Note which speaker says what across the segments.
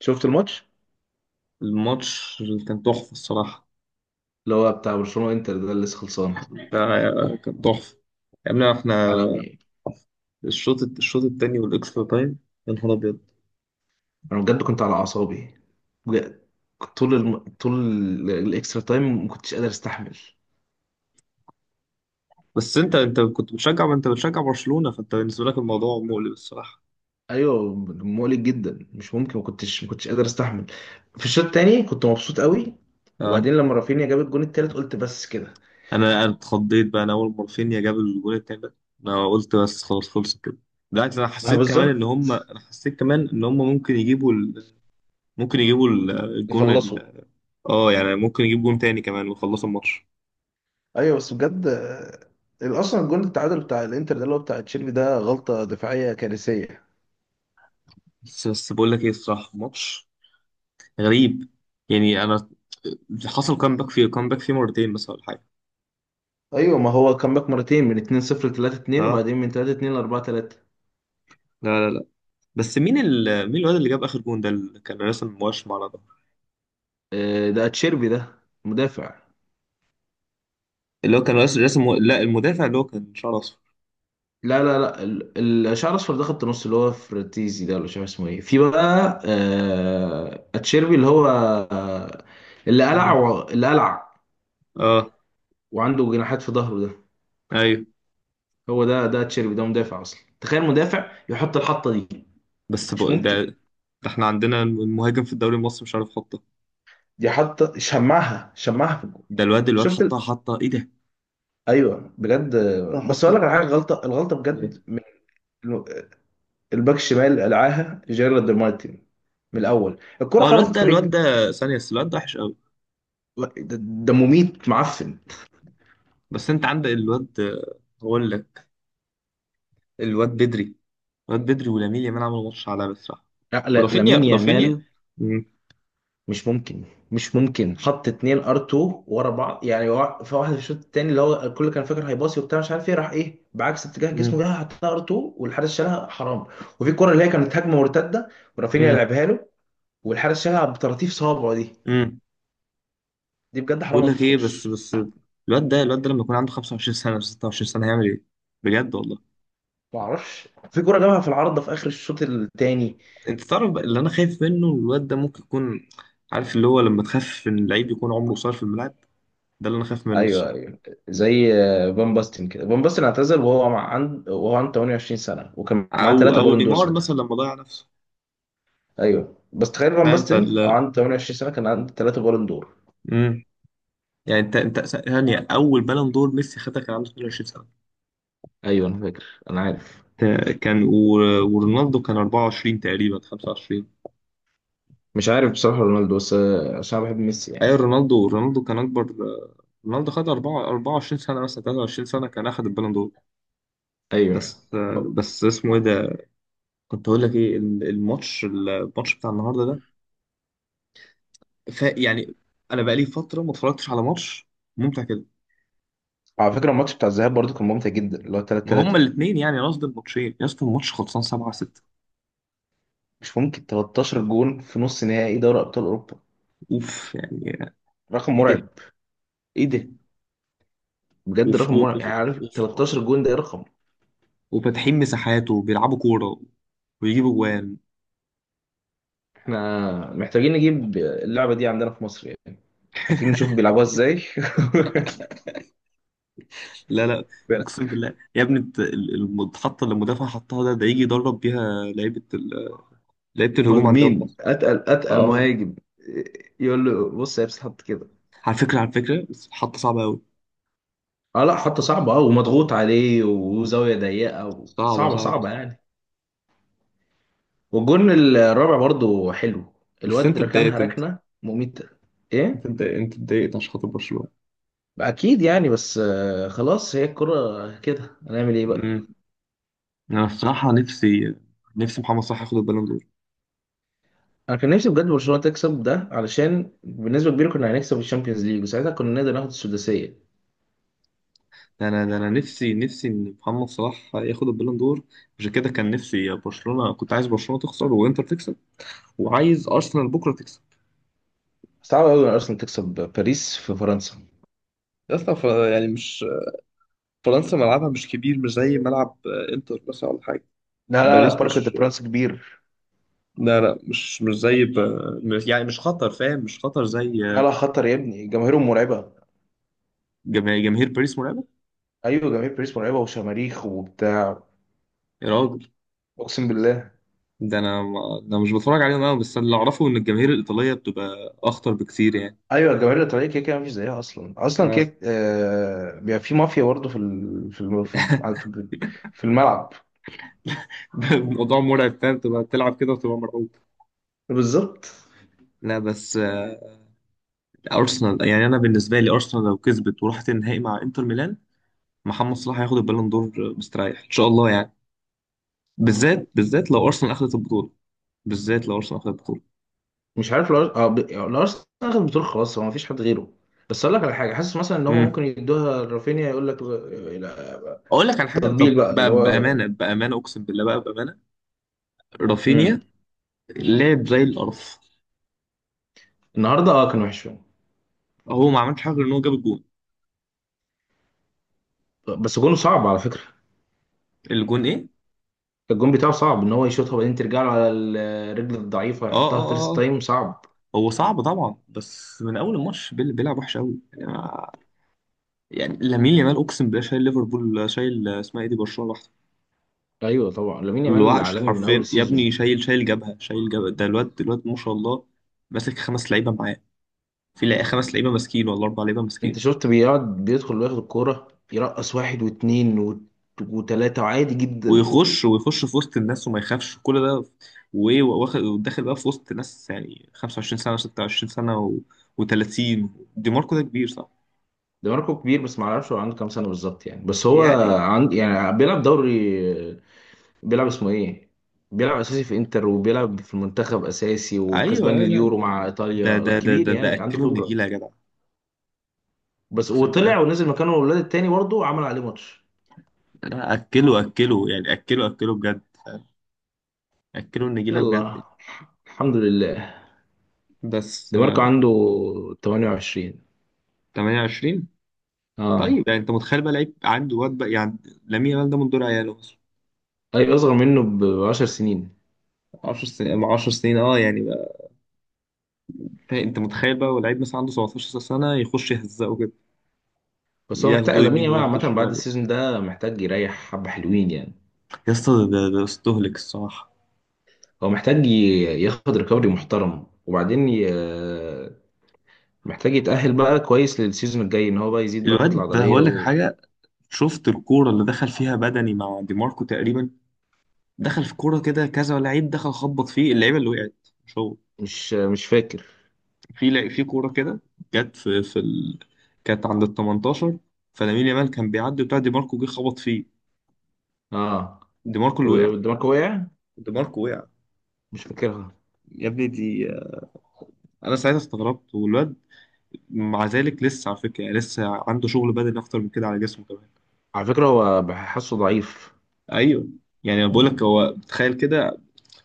Speaker 1: شفت الماتش
Speaker 2: الماتش كان تحفة الصراحة.
Speaker 1: اللي هو بتاع برشلونة انتر ده اللي لسه خلصان
Speaker 2: ده كان تحفة. يا ابني احنا
Speaker 1: عالمي.
Speaker 2: الشوط التاني والاكسترا تايم، يا نهار ابيض.
Speaker 1: انا بجد كنت على اعصابي، بجد كنت طول الاكسترا تايم ما كنتش قادر استحمل.
Speaker 2: بس انت كنت بتشجع، انت بتشجع برشلونة، فانت بالنسبة لك الموضوع مقلق الصراحة.
Speaker 1: ايوه مقلق جدا، مش ممكن، ما كنتش قادر استحمل. في الشوط التاني كنت مبسوط قوي،
Speaker 2: اه
Speaker 1: وبعدين لما رافينيا جاب الجون التالت قلت بس كده.
Speaker 2: انا اتخضيت بقى، انا اول ما رافينيا جاب الجول التاني ده انا قلت بس خلاص خلصت كده. بالعكس، انا
Speaker 1: ما
Speaker 2: حسيت كمان ان
Speaker 1: بالظبط،
Speaker 2: هم، انا حسيت كمان ان هم ممكن يجيبوا ال... ممكن يجيبوا الجون
Speaker 1: يخلصوا.
Speaker 2: اه، يعني ممكن يجيبوا جون تاني كمان ويخلصوا الماتش.
Speaker 1: ايوه بس بجد اصلا الجون التعادل بتاع الانتر ده اللي هو بتاع تشيربي ده غلطة دفاعية كارثية.
Speaker 2: بس بقول لك ايه الصراحة، الماتش غريب يعني. انا حصل كامباك فيه، كامباك فيه مرتين بس، ولا حاجه.
Speaker 1: ايوه ما هو كان باك مرتين من 2-0 ل 3-2،
Speaker 2: اه.
Speaker 1: وبعدين من 3-2 ل 4-3.
Speaker 2: لا لا لا. بس مين ال... مين الواد اللي جاب اخر جون ده اللي كان راسم وشم على ده؟
Speaker 1: ده اتشيربي ده مدافع.
Speaker 2: اللي هو كان راسم لا، المدافع اللي هو كان شعره اصفر.
Speaker 1: لا لا لا، الشعر الاصفر ده خط نص اللي هو فرتيزي ده، ولا مش عارف اسمه ايه في بقى، اتشيربي اللي هو
Speaker 2: مم.
Speaker 1: اللي قلع
Speaker 2: اه.
Speaker 1: وعنده جناحات في ظهره ده.
Speaker 2: ايوه.
Speaker 1: هو ده اتشيربي ده مدافع اصلا، تخيل مدافع يحط الحطه دي. مش ممكن،
Speaker 2: ده. احنا عندنا المهاجم في الدوري المصري مش عارف يحطه.
Speaker 1: دي حطه شمعها في الجول.
Speaker 2: ده الواد
Speaker 1: شفت ال...
Speaker 2: حطها ايه ده!
Speaker 1: ايوه بجد.
Speaker 2: حطها،
Speaker 1: بس اقول
Speaker 2: حطها.
Speaker 1: لك على حاجه، الغلطه بجد
Speaker 2: إيه؟
Speaker 1: الباك الشمال قلعاها جيرارد مارتن. من الاول الكره
Speaker 2: اه، الواد
Speaker 1: خبطت
Speaker 2: ده،
Speaker 1: في
Speaker 2: الواد
Speaker 1: رجل
Speaker 2: ده ثانيه بس، الواد ده وحش قوي.
Speaker 1: ده ده مميت معفن.
Speaker 2: بس انت عندك الواد، هقول لك. الواد بدري ولامين يامال عملوا ماتش عالمي بصراحة.
Speaker 1: لا لا،
Speaker 2: رافينيا
Speaker 1: لامين
Speaker 2: رافينيا
Speaker 1: يامال
Speaker 2: مم.
Speaker 1: مش ممكن، مش ممكن حط اتنين ار 2 ورا بعض يعني. في واحد في الشوط التاني اللي هو الكل كان فاكر هيباصي وبتاع، مش عارف ايه راح، ايه بعكس اتجاه جسمه
Speaker 2: مم.
Speaker 1: جه حطها ار 2 والحارس شالها، حرام. وفي الكره اللي هي كانت هجمه مرتده ورافينيا
Speaker 2: مم.
Speaker 1: لعبها له والحارس شالها بطراطيف صوابعه دي،
Speaker 2: مم.
Speaker 1: دي بجد حرام
Speaker 2: بقول
Speaker 1: ما
Speaker 2: لك ايه، بس
Speaker 1: تدخلش.
Speaker 2: بس الواد ده لما يكون عنده 25 سنة و 26 سنة هيعمل ايه؟ بجد والله.
Speaker 1: ما اعرفش في كره جابها في العارضه في اخر الشوط التاني.
Speaker 2: انت تعرف بقى اللي انا خايف منه؟ الواد ده ممكن يكون، عارف اللي هو لما تخاف ان اللعيب يكون عمره قصير في الملعب، ده اللي انا خايف منه
Speaker 1: ايوه
Speaker 2: الصراحة.
Speaker 1: ايوه، زي فان باستن كده. فان باستن اعتزل وهو عنده 28 سنه وكان معاه
Speaker 2: او
Speaker 1: ثلاثه
Speaker 2: او
Speaker 1: بالون دور
Speaker 2: نيمار
Speaker 1: ساعتها.
Speaker 2: مثلا لما ضيع نفسه.
Speaker 1: ايوه بس تخيل فان
Speaker 2: فاهم
Speaker 1: باستن او
Speaker 2: فال.
Speaker 1: عنده 28 سنه كان عنده ثلاثه بالون دور.
Speaker 2: مم. يعني انت ثانية، اول بالون دور ميسي خدها كان عنده 22 سنة.
Speaker 1: ايوه انا فاكر، انا عارف.
Speaker 2: ورونالدو كان 24 تقريبا، 25.
Speaker 1: مش عارف بصراحه رونالدو بس عشان أنا بحب ميسي يعني.
Speaker 2: ايوه، رونالدو كان اكبر. رونالدو خد 4 24 سنه، مثلا 23 سنه كان اخد البالون دور.
Speaker 1: ايوه.
Speaker 2: بس بس اسمه ايه ده، كنت اقول لك ايه. الماتش بتاع النهارده ده، ف يعني انا بقالي فتره ما اتفرجتش على ماتش ممتع كده.
Speaker 1: على فكره الماتش بتاع الذهاب برضه كان ممتع جدا، اللي هو 3
Speaker 2: ما
Speaker 1: 3.
Speaker 2: هما الاثنين، يعني قصدي الماتشين يا اسطى، الماتش خلصان 7-6.
Speaker 1: مش ممكن 13 جون في نص نهائي دوري ابطال اوروبا،
Speaker 2: اوف يعني!
Speaker 1: رقم
Speaker 2: ايه ده!
Speaker 1: مرعب.
Speaker 2: ايه ده!
Speaker 1: بجد
Speaker 2: وف
Speaker 1: رقم مرعب،
Speaker 2: وف
Speaker 1: يعني عارف
Speaker 2: وف وف-
Speaker 1: 13 جون ده إيه رقم.
Speaker 2: وفاتحين مساحات وبيلعبوا كوره ويجيبوا جوان.
Speaker 1: احنا محتاجين نجيب اللعبه دي عندنا في مصر يعني. عايزين نشوف بيلعبوها ازاي.
Speaker 2: لا لا. اقسم بالله يا ابني، انت المحطه اللي المدافع حطها ده، ده يجي يدرب بيها لعيبه لعيبه الهجوم عندنا في
Speaker 1: مهاجمين،
Speaker 2: مصر.
Speaker 1: اتقل
Speaker 2: اه.
Speaker 1: مهاجم يقول له بص هي بتتحط كده.
Speaker 2: على فكره بس حطه صعبه قوي.
Speaker 1: اه لا حطه صعبه، اه ومضغوط عليه وزاويه ضيقه
Speaker 2: صعبه
Speaker 1: وصعبه،
Speaker 2: صعبه
Speaker 1: صعبه
Speaker 2: صعبه.
Speaker 1: يعني. والجون الرابع برضو حلو،
Speaker 2: بس
Speaker 1: الواد
Speaker 2: انت
Speaker 1: ركنها
Speaker 2: اتضايقت انت
Speaker 1: ركنه مميته.
Speaker 2: انت
Speaker 1: ايه.
Speaker 2: اتضايقت انت اتضايقت عشان خاطر برشلونه.
Speaker 1: اكيد يعني، بس خلاص هي الكرة كده، هنعمل ايه بقى.
Speaker 2: امم. انا الصراحه نفسي، نفسي محمد صلاح ياخد البالون دور.
Speaker 1: انا كان نفسي بجد برشلونه تكسب ده علشان بالنسبه كبيره، كنا هنكسب الشامبيونز ليج وساعتها كنا نقدر ناخد السداسيه.
Speaker 2: ده انا نفسي ان محمد صلاح ياخد البالون دور، عشان كده كان نفسي برشلونه، كنت عايز برشلونه تخسر وانتر تكسب، وعايز ارسنال بكره تكسب.
Speaker 1: صعب قوي ان ارسنال تكسب باريس في فرنسا.
Speaker 2: يا اسطى، يعني مش، فرنسا ملعبها مش كبير، مش زي ملعب انتر مثلا ولا حاجه.
Speaker 1: لا لا لا،
Speaker 2: باريس
Speaker 1: بارك دي
Speaker 2: مش،
Speaker 1: برانس كبير.
Speaker 2: لا لا، مش مش زي ب... يعني مش خطر فاهم، مش خطر زي
Speaker 1: لا لا، خطر يا ابني، جماهيرهم مرعبة.
Speaker 2: جماهير باريس مرعبه.
Speaker 1: أيوة جماهير باريس مرعبة وشماريخ وبتاع،
Speaker 2: يا راجل!
Speaker 1: أقسم بالله.
Speaker 2: ده انا ما... ده مش بتفرج عليهم قوي، بس اللي اعرفه ان الجماهير الايطاليه بتبقى اخطر بكتير يعني.
Speaker 1: أيوة الجماهير الإيطالية كده كده مفيش زيها أصلا. أصلا
Speaker 2: اه.
Speaker 1: كده آه بيبقى في مافيا برضه في ال- في ال- في الملعب.
Speaker 2: الموضوع مرعب، فاهم؟ تبقى تلعب كده وتبقى مرعوب.
Speaker 1: بالظبط.
Speaker 2: لا بس ارسنال يعني، انا بالنسبه لي ارسنال لو كسبت وراحت النهائي مع انتر ميلان، محمد صلاح هياخد البالون دور مستريح ان شاء الله يعني. بالذات لو ارسنال اخذت البطوله، بالذات لو ارسنال اخذت البطوله.
Speaker 1: مش عارف لو اه، لو أرسنال أخد البطولة خلاص هو مفيش حد غيره. بس أقول لك على حاجة، حاسس مثلا إن هم ممكن
Speaker 2: امم.
Speaker 1: يدوها لرافينيا، يقول لك لا،
Speaker 2: اقول لك على حاجه،
Speaker 1: تطبيل
Speaker 2: طب،
Speaker 1: بقى اللي هو.
Speaker 2: بامانه اقسم بالله بقى، بامانه،
Speaker 1: مم.
Speaker 2: رافينيا لعب زي القرف.
Speaker 1: النهارده اه كان وحش فيهم.
Speaker 2: هو ما عملش حاجه غير ان هو جاب الجون.
Speaker 1: بس جون صعب على فكرة،
Speaker 2: الجون ايه!
Speaker 1: الجون بتاعه صعب ان هو يشوطها وبعدين ترجع له على الرجل الضعيفه
Speaker 2: اه اه
Speaker 1: يحطها
Speaker 2: اه
Speaker 1: فيرست
Speaker 2: آه.
Speaker 1: تايم، صعب.
Speaker 2: هو صعب طبعا، بس من اول الماتش بيلعب وحش قوي يعني، يعني لامين يامال اقسم بالله شايل ليفربول، شايل اسمها ايه دي، برشلونه لوحده.
Speaker 1: ايوه طبعا لامين يامال
Speaker 2: الوحش
Speaker 1: عالمي من اول
Speaker 2: حرفيا يا
Speaker 1: السيزون.
Speaker 2: ابني، شايل جبهه ده الواد ما شاء الله. ماسك خمس لعيبه معاه. في لا- خمس لعيبه ماسكين ولا اربع لعيبه
Speaker 1: انت
Speaker 2: ماسكين.
Speaker 1: شفت بيقعد بيدخل وياخد الكوره يرقص واحد واثنين وتلاته عادي جدا.
Speaker 2: ويخش في وسط الناس وما يخافش كل ده، وايه، واخد وداخل بقى في وسط ناس يعني، 25 سنة و26 سنة و... و30. دي ماركو ده كبير صح
Speaker 1: ده ماركو كبير، بس ما اعرفش هو عنده كام سنه بالظبط يعني. بس هو
Speaker 2: يعني؟
Speaker 1: عند يعني بيلعب دوري، بيلعب اسمه ايه بيلعب اساسي في انتر وبيلعب في المنتخب اساسي
Speaker 2: ايوه
Speaker 1: وكسبان
Speaker 2: أيوة، لا
Speaker 1: اليورو مع ايطاليا، لا كبير
Speaker 2: ده
Speaker 1: يعني، عنده
Speaker 2: اكله
Speaker 1: خبره.
Speaker 2: النجيله يا جدع.
Speaker 1: بس
Speaker 2: اقسم بقى،
Speaker 1: وطلع ونزل مكانه الولاد التاني برضه عمل عليه ماتش.
Speaker 2: لا اكله يعني، اكله اكله بجد، اكله النجيله بجد.
Speaker 1: يلا، الحمد لله.
Speaker 2: بس
Speaker 1: دي ماركو عنده 28.
Speaker 2: 28.
Speaker 1: اه.
Speaker 2: طيب يعني انت متخيل بقى لعيب عنده، واد بقى يعني، لامين يامال ده من دول عياله اصلا،
Speaker 1: اي اصغر منه ب 10 سنين.
Speaker 2: 10 سنين 10 سنين اه يعني بقى. طيب، انت متخيل بقى ولعيب مثلا عنده 17 سنه، يخش يهزقه كده،
Speaker 1: بس هو محتاج
Speaker 2: ياخدوا
Speaker 1: لامين
Speaker 2: يمين
Speaker 1: يامال عامه
Speaker 2: وياخدوا
Speaker 1: بعد
Speaker 2: شمال.
Speaker 1: السيزون ده محتاج يريح، حبه حلوين يعني.
Speaker 2: يا اسطى، ده استهلك الصراحه.
Speaker 1: هو محتاج ياخد ريكفري محترم، محتاج يتأهل بقى كويس للسيزون الجاي، ان هو بقى يزيد بقى كتلة
Speaker 2: الواد ده
Speaker 1: عضلية.
Speaker 2: هقول لك حاجه. شفت الكوره اللي دخل فيها بدني مع دي ماركو تقريبا؟ دخل في كوره كده كذا لعيب، دخل خبط فيه، اللعيبه اللي وقعت مش هو.
Speaker 1: مش فاكر.
Speaker 2: في كوره كده جت في كانت عند ال 18، فلامين يامال كان بيعدي بتاع دي ماركو جه خبط فيه.
Speaker 1: اه.
Speaker 2: دي ماركو اللي وقع
Speaker 1: دي ماركو وقع.
Speaker 2: دي ماركو وقع.
Speaker 1: مش فاكرها.
Speaker 2: يا ابني، دي انا ساعتها استغربت. والواد مع ذلك لسه على فكره يعني، لسه عنده شغل بدني اكتر من كده على جسمه كمان.
Speaker 1: على فكرة هو بحسه ضعيف.
Speaker 2: ايوه. يعني انا بقول لك، هو تخيل كده،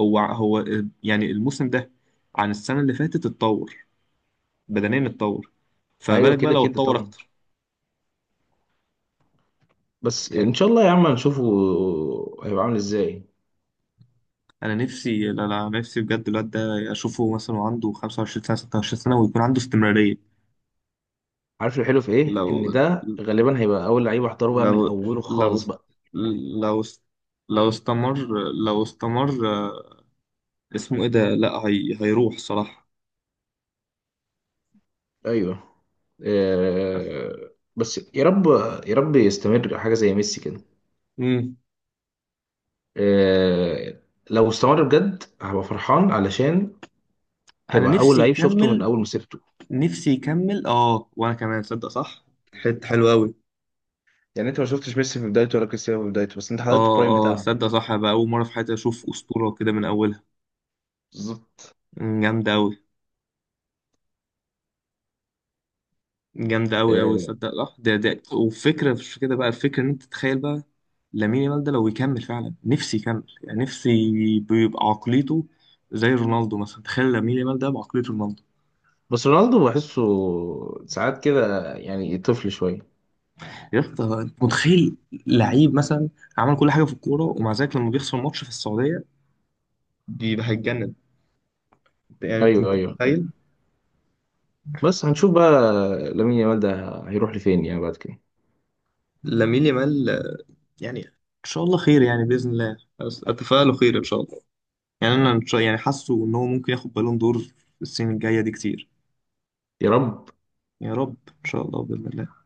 Speaker 2: هو يعني الموسم ده عن السنه اللي فاتت اتطور، بدنيا اتطور، فما
Speaker 1: ايوه
Speaker 2: بالك بقى
Speaker 1: كده
Speaker 2: لو
Speaker 1: كده
Speaker 2: اتطور
Speaker 1: طبعا.
Speaker 2: اكتر.
Speaker 1: بس ان
Speaker 2: يعني
Speaker 1: شاء الله يا عم هنشوفه هيبقى عامل ازاي.
Speaker 2: انا نفسي، لا لا، نفسي بجد الواد ده اشوفه مثلا وعنده 25 سنه 26 سنه، ويكون عنده استمراريه.
Speaker 1: عارف الحلو في ايه،
Speaker 2: لو
Speaker 1: ان ده غالبا هيبقى اول لعيب احضره بقى من
Speaker 2: لو
Speaker 1: اوله
Speaker 2: لو
Speaker 1: خالص بقى.
Speaker 2: لو لو استمر لو استمر، اسمه ايه ده، لا هي... هيروح صراحه.
Speaker 1: ايوه. بس يا رب، يا رب يستمر حاجة زي ميسي كده.
Speaker 2: امم.
Speaker 1: آه، لو استمر بجد هبقى فرحان، علشان
Speaker 2: انا
Speaker 1: هيبقى أول
Speaker 2: نفسي
Speaker 1: لعيب شفته من
Speaker 2: يكمل.
Speaker 1: أول مسيرته.
Speaker 2: نفسي يكمل اه، وانا كمان صدق صح. حته حلوه قوي.
Speaker 1: يعني انت ما شفتش ميسي في بدايته ولا كريستيانو في بدايته، بس انت حضرت
Speaker 2: اه
Speaker 1: البرايم
Speaker 2: اه
Speaker 1: بتاعهم.
Speaker 2: صدق صح بقى، اول مره في حياتي اشوف اسطوره كده من اولها.
Speaker 1: بالظبط.
Speaker 2: مم، جامده قوي. جامده قوي قوي.
Speaker 1: آه،
Speaker 2: صدق صح. ده وفكره، مش كده بقى، الفكره ان انت تتخيل بقى، لامين يامال ده لو يكمل فعلا، نفسي يكمل يعني، نفسي بيبقى عقليته زي رونالدو مثلا. تخيل لامين يامال ده بعقلية رونالدو!
Speaker 1: بس رونالدو بحسه ساعات كده يعني طفل شوية.
Speaker 2: يا اسطى انت متخيل، لعيب مثلا عمل كل حاجه في الكوره، ومع ذلك لما بيخسر ماتش في السعوديه بيبقى هيتجنن. يعني انت
Speaker 1: أيوه
Speaker 2: أنت
Speaker 1: أيوه أيوه،
Speaker 2: متخيل.
Speaker 1: بس هنشوف بقى لامين يامال ده هيروح لفين يعني بعد كده.
Speaker 2: لامين يامال يعني ان شاء الله خير يعني، باذن الله. اتفائله خير ان شاء الله. يعني انا إن شاء، يعني حاسه ان هو ممكن ياخد بالون دور السنين الجايه دي كتير.
Speaker 1: يا رب.
Speaker 2: يا رب، ان شاء الله باذن الله.